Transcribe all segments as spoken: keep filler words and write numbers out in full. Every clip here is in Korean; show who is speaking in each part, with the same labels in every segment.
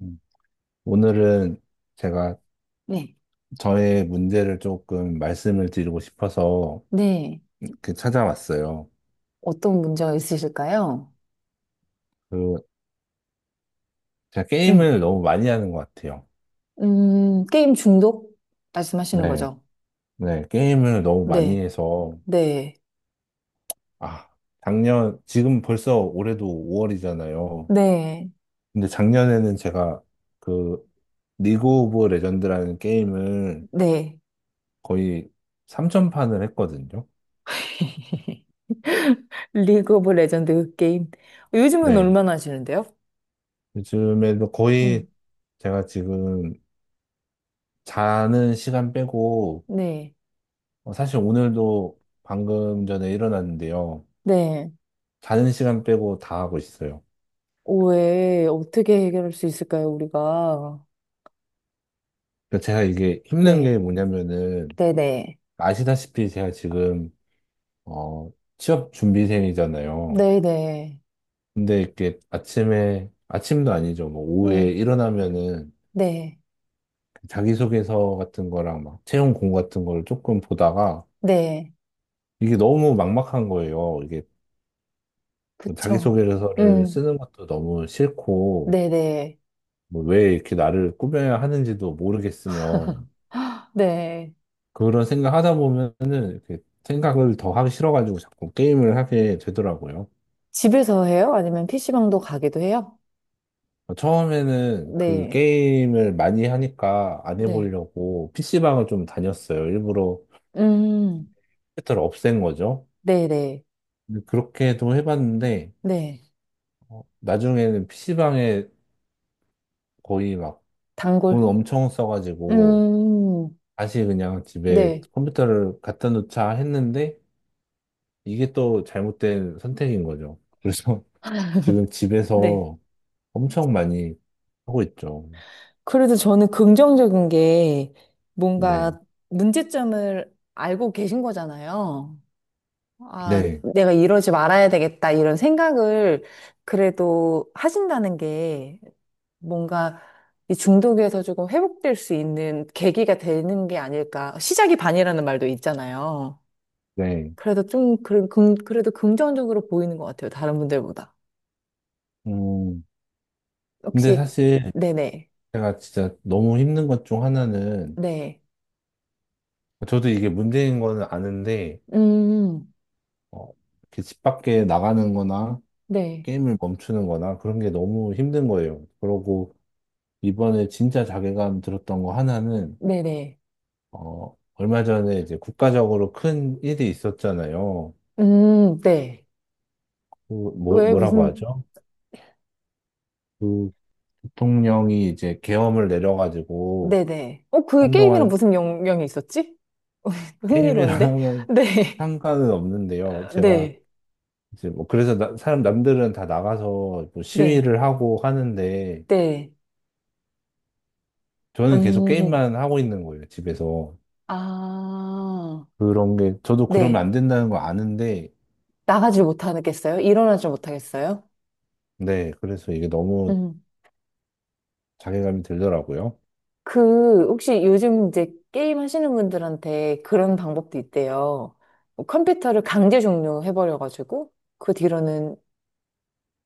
Speaker 1: 음. 오늘은 제가
Speaker 2: 네.
Speaker 1: 저의 문제를 조금 말씀을 드리고 싶어서
Speaker 2: 네.
Speaker 1: 이렇게 찾아왔어요.
Speaker 2: 어떤 문제가 있으실까요?
Speaker 1: 그, 제가
Speaker 2: 음,
Speaker 1: 게임을 너무 많이 하는 것 같아요.
Speaker 2: 음, 게임 중독 말씀하시는
Speaker 1: 네,
Speaker 2: 거죠?
Speaker 1: 네, 게임을 너무 많이
Speaker 2: 네.
Speaker 1: 해서,
Speaker 2: 네.
Speaker 1: 아, 작년, 지금 벌써 올해도 오 월이잖아요.
Speaker 2: 네.
Speaker 1: 근데 작년에는 제가 그, 리그 오브 레전드라는 게임을
Speaker 2: 네.
Speaker 1: 거의 삼천 판을 했거든요.
Speaker 2: 리그 오브 레전드 게임. 요즘은
Speaker 1: 네,
Speaker 2: 얼마나 하시는데요?
Speaker 1: 요즘에도
Speaker 2: 음,
Speaker 1: 거의 제가 지금 자는 시간 빼고,
Speaker 2: 네.
Speaker 1: 어, 사실 오늘도 방금 전에 일어났는데요.
Speaker 2: 네.
Speaker 1: 자는 시간 빼고 다 하고 있어요.
Speaker 2: 왜, 어떻게 해결할 수 있을까요, 우리가?
Speaker 1: 그 제가 이게 힘든 게
Speaker 2: 네.
Speaker 1: 뭐냐면은,
Speaker 2: 네네.
Speaker 1: 아시다시피 제가 지금, 어, 취업 준비생이잖아요.
Speaker 2: 네네.
Speaker 1: 근데 이렇게 아침에, 아침도 아니죠. 뭐 오후에
Speaker 2: 음,
Speaker 1: 일어나면은
Speaker 2: 네.
Speaker 1: 그 자기소개서 같은 거랑 막 채용 공고 같은 걸 조금 보다가
Speaker 2: 네.
Speaker 1: 이게 너무 막막한 거예요. 이게 뭐
Speaker 2: 그쵸.
Speaker 1: 자기소개서를
Speaker 2: 음,
Speaker 1: 쓰는 것도 너무 싫고,
Speaker 2: 네네.
Speaker 1: 뭐 왜 이렇게 나를 꾸며야 하는지도 모르겠으며
Speaker 2: 네. 네.
Speaker 1: 그런 생각하다 보면은 이렇게 생각을 더 하기 싫어가지고 자꾸 게임을 하게 되더라고요.
Speaker 2: 집에서 해요? 아니면 피씨방도 가기도 해요?
Speaker 1: 처음에는 그
Speaker 2: 네,
Speaker 1: 게임을 많이 하니까 안
Speaker 2: 네.
Speaker 1: 해보려고 피시방을 좀 다녔어요. 일부러
Speaker 2: 음,
Speaker 1: 컴퓨터를 없앤 거죠.
Speaker 2: 네네, 네.
Speaker 1: 근데 그렇게도 해봤는데
Speaker 2: 네.
Speaker 1: 어, 나중에는 피시방에 거의 막 돈
Speaker 2: 단골.
Speaker 1: 엄청 써가지고
Speaker 2: 음,
Speaker 1: 다시 그냥 집에
Speaker 2: 네,
Speaker 1: 컴퓨터를 갖다 놓자 했는데 이게 또 잘못된 선택인 거죠. 그래서 지금
Speaker 2: 네.
Speaker 1: 집에서 엄청 많이 하고 있죠.
Speaker 2: 그래도 저는 긍정적인 게
Speaker 1: 네,
Speaker 2: 뭔가 문제점을 알고 계신 거잖아요. 아,
Speaker 1: 네,
Speaker 2: 내가 이러지 말아야 되겠다, 이런 생각을 그래도 하신다는 게 뭔가 이 중독에서 조금 회복될 수 있는 계기가 되는 게 아닐까. 시작이 반이라는 말도 있잖아요.
Speaker 1: 네.
Speaker 2: 그래도 좀, 그, 금, 그래도 긍정적으로 보이는 것 같아요. 다른 분들보다.
Speaker 1: 음, 근데
Speaker 2: 혹시,
Speaker 1: 사실
Speaker 2: 네네,
Speaker 1: 제가 진짜 너무 힘든 것 중 하나는
Speaker 2: 네.
Speaker 1: 저도 이게 문제인 거는 아는데
Speaker 2: 음,
Speaker 1: 어, 이렇게 집 밖에 나가는 거나
Speaker 2: 네,
Speaker 1: 게임을 멈추는 거나 그런 게 너무 힘든 거예요. 그러고 이번에 진짜 자괴감 들었던 거 하나는
Speaker 2: 네네.
Speaker 1: 어, 얼마 전에 이제 국가적으로 큰 일이 있었잖아요.
Speaker 2: 음, 네.
Speaker 1: 그 뭐,
Speaker 2: 왜
Speaker 1: 뭐라고
Speaker 2: 무슨,
Speaker 1: 하죠? 그 부통령이 이제 계엄을 내려가지고
Speaker 2: 네네. 어, 그게 게임이랑
Speaker 1: 한동안
Speaker 2: 무슨 영, 영이 있었지? 흥미로운데?
Speaker 1: 게임이랑은
Speaker 2: 네.
Speaker 1: 상관은 없는데요. 제가
Speaker 2: 네,
Speaker 1: 이제 뭐 그래서 나- 사람 남들은 다 나가서 뭐
Speaker 2: 네,
Speaker 1: 시위를 하고 하는데
Speaker 2: 네.
Speaker 1: 저는 계속
Speaker 2: 음,
Speaker 1: 게임만 하고 있는 거예요, 집에서.
Speaker 2: 아,
Speaker 1: 그런 게 저도 그러면
Speaker 2: 네.
Speaker 1: 안 된다는 거 아는데
Speaker 2: 나가질 못하겠어요? 일어나질 못하겠어요?
Speaker 1: 네, 그래서 이게 너무
Speaker 2: 음.
Speaker 1: 자괴감이 들더라고요.
Speaker 2: 그, 혹시 요즘 이제 게임 하시는 분들한테 그런 방법도 있대요. 뭐 컴퓨터를 강제 종료해버려가지고, 그 뒤로는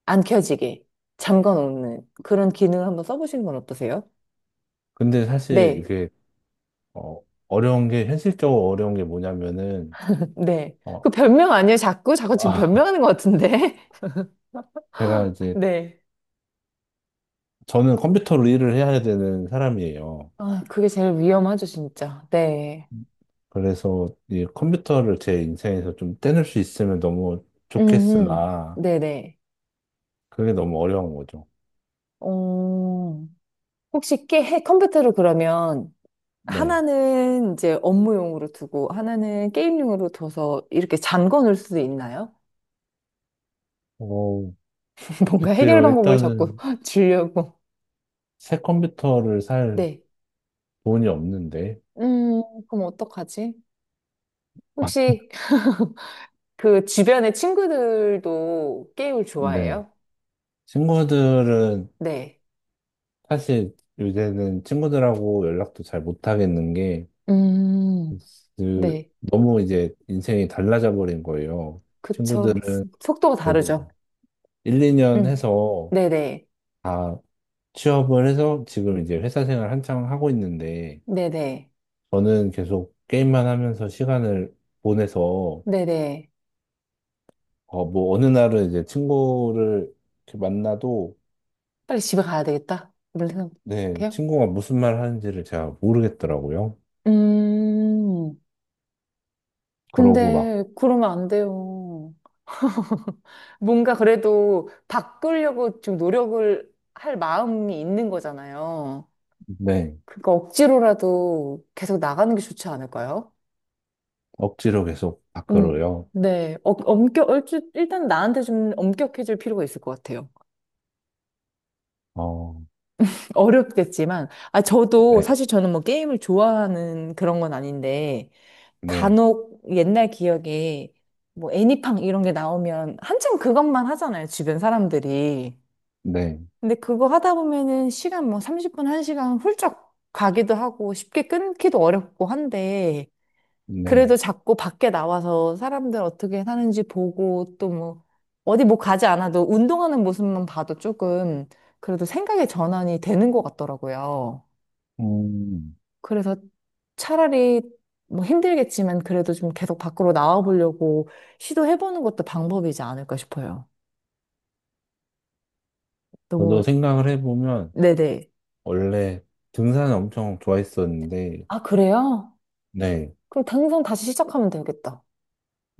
Speaker 2: 안 켜지게 잠궈 놓는 그런 기능을 한번 써보시는 건 어떠세요?
Speaker 1: 근데 사실
Speaker 2: 네,
Speaker 1: 이게 어, 어려운 게 현실적으로 어려운 게 뭐냐면은
Speaker 2: 네. 그
Speaker 1: 어,
Speaker 2: 변명 아니에요? 자꾸? 자꾸 지금 변명하는 것 같은데?
Speaker 1: 제가 이제
Speaker 2: 네.
Speaker 1: 저는 컴퓨터로 일을 해야 되는 사람이에요.
Speaker 2: 아, 그게 제일 위험하죠, 진짜. 네.
Speaker 1: 그래서 이 컴퓨터를 제 인생에서 좀 떼낼 수 있으면 너무
Speaker 2: 음, 음.
Speaker 1: 좋겠으나
Speaker 2: 네네.
Speaker 1: 그게 너무 어려운 거죠.
Speaker 2: 어, 혹시 깨, 해- 컴퓨터를 그러면
Speaker 1: 네.
Speaker 2: 하나는 이제 업무용으로 두고 하나는 게임용으로 둬서 이렇게 잠궈 놓을 수도 있나요?
Speaker 1: 어,
Speaker 2: 뭔가 해결
Speaker 1: 글쎄요.
Speaker 2: 방법을 자꾸
Speaker 1: 일단은
Speaker 2: 주려고.
Speaker 1: 새 컴퓨터를 살
Speaker 2: 네.
Speaker 1: 돈이 없는데.
Speaker 2: 음, 그럼 어떡하지? 혹시 그 주변의 친구들도 게임을
Speaker 1: 네.
Speaker 2: 좋아해요?
Speaker 1: 친구들은
Speaker 2: 네.
Speaker 1: 사실 요새는 친구들하고 연락도 잘 못 하겠는 게
Speaker 2: 음,
Speaker 1: 그,
Speaker 2: 네.
Speaker 1: 너무 이제 인생이 달라져 버린 거예요.
Speaker 2: 그쵸.
Speaker 1: 친구들은
Speaker 2: 속도가
Speaker 1: 그래도
Speaker 2: 다르죠.
Speaker 1: 일 이 년
Speaker 2: 음.
Speaker 1: 해서
Speaker 2: 네네.
Speaker 1: 다 취업을 해서 지금 이제 회사 생활 한창 하고 있는데,
Speaker 2: 네네.
Speaker 1: 저는 계속 게임만 하면서 시간을 보내서,
Speaker 2: 네네.
Speaker 1: 어, 뭐, 어느 날은 이제 친구를 이렇게 만나도,
Speaker 2: 빨리 집에 가야 되겠다. 이런
Speaker 1: 네,
Speaker 2: 생각해요?
Speaker 1: 친구가 무슨 말 하는지를 제가 모르겠더라고요.
Speaker 2: 음,
Speaker 1: 그러고 막,
Speaker 2: 근데 그러면 안 돼요. 뭔가 그래도 바꾸려고 좀 노력을 할 마음이 있는 거잖아요.
Speaker 1: 네,
Speaker 2: 그러니까 억지로라도 계속 나가는 게 좋지 않을까요?
Speaker 1: 억지로 계속
Speaker 2: 음,
Speaker 1: 밖으로요.
Speaker 2: 네. 어, 엄격, 얼추- 일단 나한테 좀 엄격해질 필요가 있을 것 같아요.
Speaker 1: 어,
Speaker 2: 어렵겠지만, 아, 저도
Speaker 1: 네,
Speaker 2: 사실 저는 뭐 게임을 좋아하는 그런 건 아닌데,
Speaker 1: 네,
Speaker 2: 간혹 옛날 기억에 뭐 애니팡 이런 게 나오면 한참 그것만 하잖아요, 주변 사람들이.
Speaker 1: 네,
Speaker 2: 근데 그거 하다 보면은 시간 뭐 삼십 분, 한 시간 훌쩍 가기도 하고 쉽게 끊기도 어렵고 한데,
Speaker 1: 네.
Speaker 2: 그래도 자꾸 밖에 나와서 사람들 어떻게 사는지 보고 또 뭐, 어디 뭐 가지 않아도 운동하는 모습만 봐도 조금 그래도 생각의 전환이 되는 것 같더라고요.
Speaker 1: 음,
Speaker 2: 그래서 차라리 뭐 힘들겠지만 그래도 좀 계속 밖으로 나와 보려고 시도해보는 것도 방법이지 않을까 싶어요.
Speaker 1: 저도
Speaker 2: 너무,
Speaker 1: 생각을 해보면,
Speaker 2: 네네.
Speaker 1: 원래 등산을 엄청 좋아했었는데,
Speaker 2: 아, 그래요?
Speaker 1: 네.
Speaker 2: 그럼 당장 다시 시작하면 되겠다.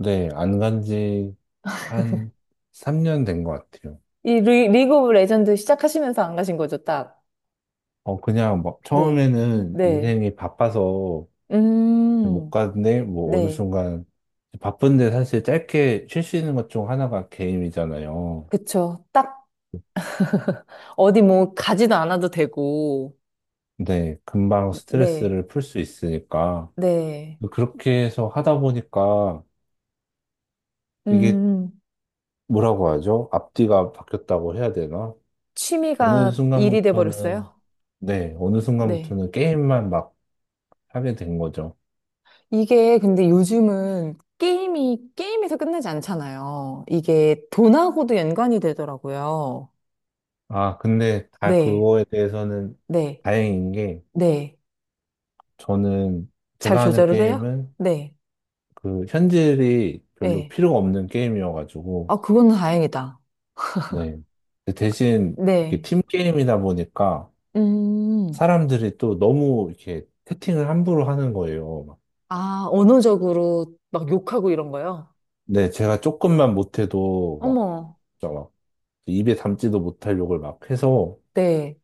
Speaker 1: 네, 안 간지 한 삼 년 된 것 같아요.
Speaker 2: 이 리, 리그 오브 레전드 시작하시면서 안 가신 거죠, 딱?
Speaker 1: 어, 그냥 막
Speaker 2: 네.
Speaker 1: 처음에는
Speaker 2: 네.
Speaker 1: 인생이 바빠서 못
Speaker 2: 음,
Speaker 1: 갔는데, 뭐 어느
Speaker 2: 네.
Speaker 1: 순간 바쁜데 사실 짧게 쉴 수 있는 것 중 하나가 게임이잖아요.
Speaker 2: 그쵸. 딱 어디 뭐 가지도 않아도 되고.
Speaker 1: 네, 금방
Speaker 2: 네.
Speaker 1: 스트레스를 풀 수 있으니까.
Speaker 2: 네.
Speaker 1: 그렇게 해서 하다 보니까 이게
Speaker 2: 음,
Speaker 1: 뭐라고 하죠? 앞뒤가 바뀌었다고 해야 되나? 어느
Speaker 2: 취미가 일이
Speaker 1: 순간부터는,
Speaker 2: 돼버렸어요?
Speaker 1: 네, 어느
Speaker 2: 네.
Speaker 1: 순간부터는 게임만 막 하게 된 거죠.
Speaker 2: 이게 근데 요즘은 게임이 게임에서 끝나지 않잖아요. 이게 돈하고도 연관이 되더라고요.
Speaker 1: 아, 근데 다
Speaker 2: 네,
Speaker 1: 그거에 대해서는
Speaker 2: 네,
Speaker 1: 다행인 게
Speaker 2: 네.
Speaker 1: 저는
Speaker 2: 잘
Speaker 1: 제가 하는
Speaker 2: 조절을 해요?
Speaker 1: 게임은
Speaker 2: 네,
Speaker 1: 그 현질이 별로
Speaker 2: 네.
Speaker 1: 필요가 없는 게임이어가지고
Speaker 2: 아, 그건 다행이다.
Speaker 1: 네. 근데 대신 이렇게
Speaker 2: 네.
Speaker 1: 팀 게임이다 보니까
Speaker 2: 음,
Speaker 1: 사람들이 또 너무 이렇게 채팅을 함부로 하는 거예요. 막.
Speaker 2: 아, 언어적으로 막 욕하고 이런 거요?
Speaker 1: 네, 제가 조금만 못해도 막,
Speaker 2: 어머,
Speaker 1: 진짜 막 입에 담지도 못할 욕을 막 해서
Speaker 2: 네.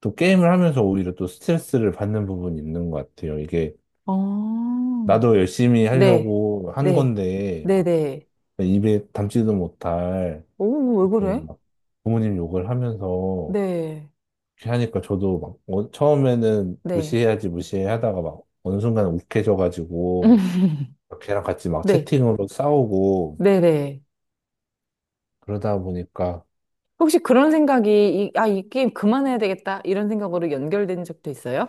Speaker 1: 또 게임을 하면서 오히려 또 스트레스를 받는 부분이 있는 것 같아요. 이게
Speaker 2: 어,
Speaker 1: 나도 열심히
Speaker 2: 네,
Speaker 1: 하려고 한
Speaker 2: 네,
Speaker 1: 건데
Speaker 2: 네, 네.
Speaker 1: 입에 담지도 못할
Speaker 2: 오, 뭐 왜
Speaker 1: 무슨
Speaker 2: 그래?
Speaker 1: 막 부모님 욕을 하면서
Speaker 2: 네,
Speaker 1: 이렇게 하니까 저도 막 어- 처음에는
Speaker 2: 네.
Speaker 1: 무시해야지 무시해 하다가 막 어느 순간 욱해져가지고 걔랑 같이 막
Speaker 2: 네,
Speaker 1: 채팅으로 싸우고
Speaker 2: 네, 네.
Speaker 1: 그러다 보니까
Speaker 2: 혹시 그런 생각이, 이, 아, 이 게임 그만해야 되겠다. 이런 생각으로 연결된 적도 있어요?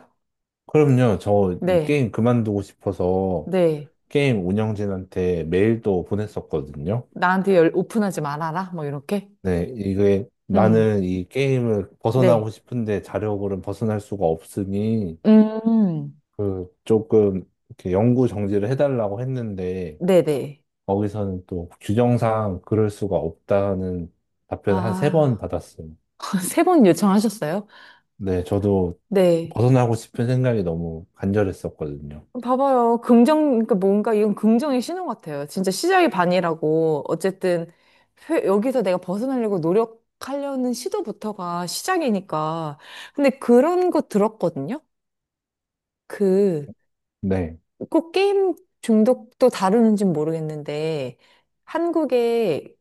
Speaker 1: 그럼요 저이
Speaker 2: 네,
Speaker 1: 게임 그만두고 싶어서
Speaker 2: 네.
Speaker 1: 게임 운영진한테 메일도 보냈었거든요.
Speaker 2: 나한테 열, 오픈하지 말아라. 뭐, 이렇게.
Speaker 1: 네, 이게
Speaker 2: 음,
Speaker 1: 나는 이 게임을 벗어나고
Speaker 2: 네.
Speaker 1: 싶은데 자력으로는 벗어날 수가 없으니
Speaker 2: 음,
Speaker 1: 그 조금 이렇게 영구 정지를 해달라고 했는데
Speaker 2: 네네.
Speaker 1: 거기서는 또 규정상 그럴 수가 없다는 답변을 한 세 번
Speaker 2: 아,
Speaker 1: 받았어요.
Speaker 2: 세 번 요청하셨어요?
Speaker 1: 네, 저도
Speaker 2: 네.
Speaker 1: 벗어나고 싶은 생각이 너무 간절했었거든요.
Speaker 2: 봐봐요. 긍정, 그러니까 뭔가 이건 긍정의 신호 같아요. 진짜 시작이 반이라고. 어쨌든, 회- 여기서 내가 벗어나려고 노력하려는 시도부터가 시작이니까. 근데 그런 거 들었거든요? 그,
Speaker 1: 네,
Speaker 2: 꼭 게임 중독도 다루는지는 모르겠는데, 한국에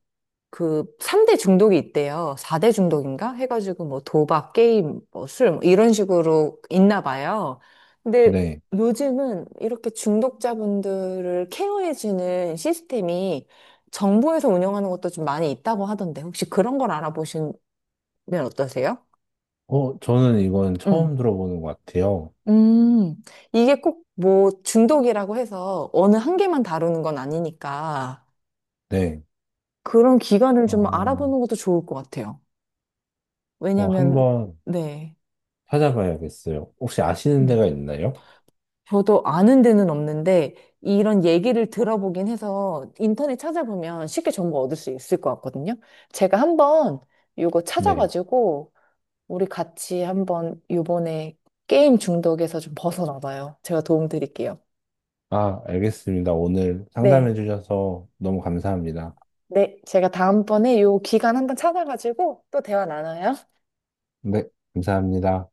Speaker 2: 그 삼 대 중독이 있대요. 사 대 중독인가? 해가지고 뭐 도박, 게임, 뭐 술, 뭐 이런 식으로 있나 봐요. 근데
Speaker 1: 네.
Speaker 2: 요즘은 이렇게 중독자분들을 케어해주는 시스템이 정부에서 운영하는 것도 좀 많이 있다고 하던데, 혹시 그런 걸 알아보시면 어떠세요?
Speaker 1: 어, 저는 이건
Speaker 2: 음.
Speaker 1: 처음 들어보는 것 같아요.
Speaker 2: 음, 이게 꼭 뭐 중독이라고 해서 어느 한 개만 다루는 건 아니니까.
Speaker 1: 네.
Speaker 2: 그런 기간을 좀
Speaker 1: 어,
Speaker 2: 알아보는 것도 좋을 것 같아요.
Speaker 1: 어,
Speaker 2: 왜냐면,
Speaker 1: 한번
Speaker 2: 네.
Speaker 1: 찾아봐야겠어요. 혹시 아시는
Speaker 2: 음.
Speaker 1: 데가 있나요?
Speaker 2: 저도 아는 데는 없는데, 이런 얘기를 들어보긴 해서 인터넷 찾아보면 쉽게 정보 얻을 수 있을 것 같거든요. 제가 한번 이거
Speaker 1: 네.
Speaker 2: 찾아가지고, 우리 같이 한번 요번에 게임 중독에서 좀 벗어나봐요. 제가 도움 드릴게요.
Speaker 1: 아, 알겠습니다. 오늘 상담해
Speaker 2: 네.
Speaker 1: 주셔서 너무 감사합니다.
Speaker 2: 네. 제가 다음번에 요 기간 한번 찾아가지고 또 대화 나눠요.
Speaker 1: 네, 감사합니다.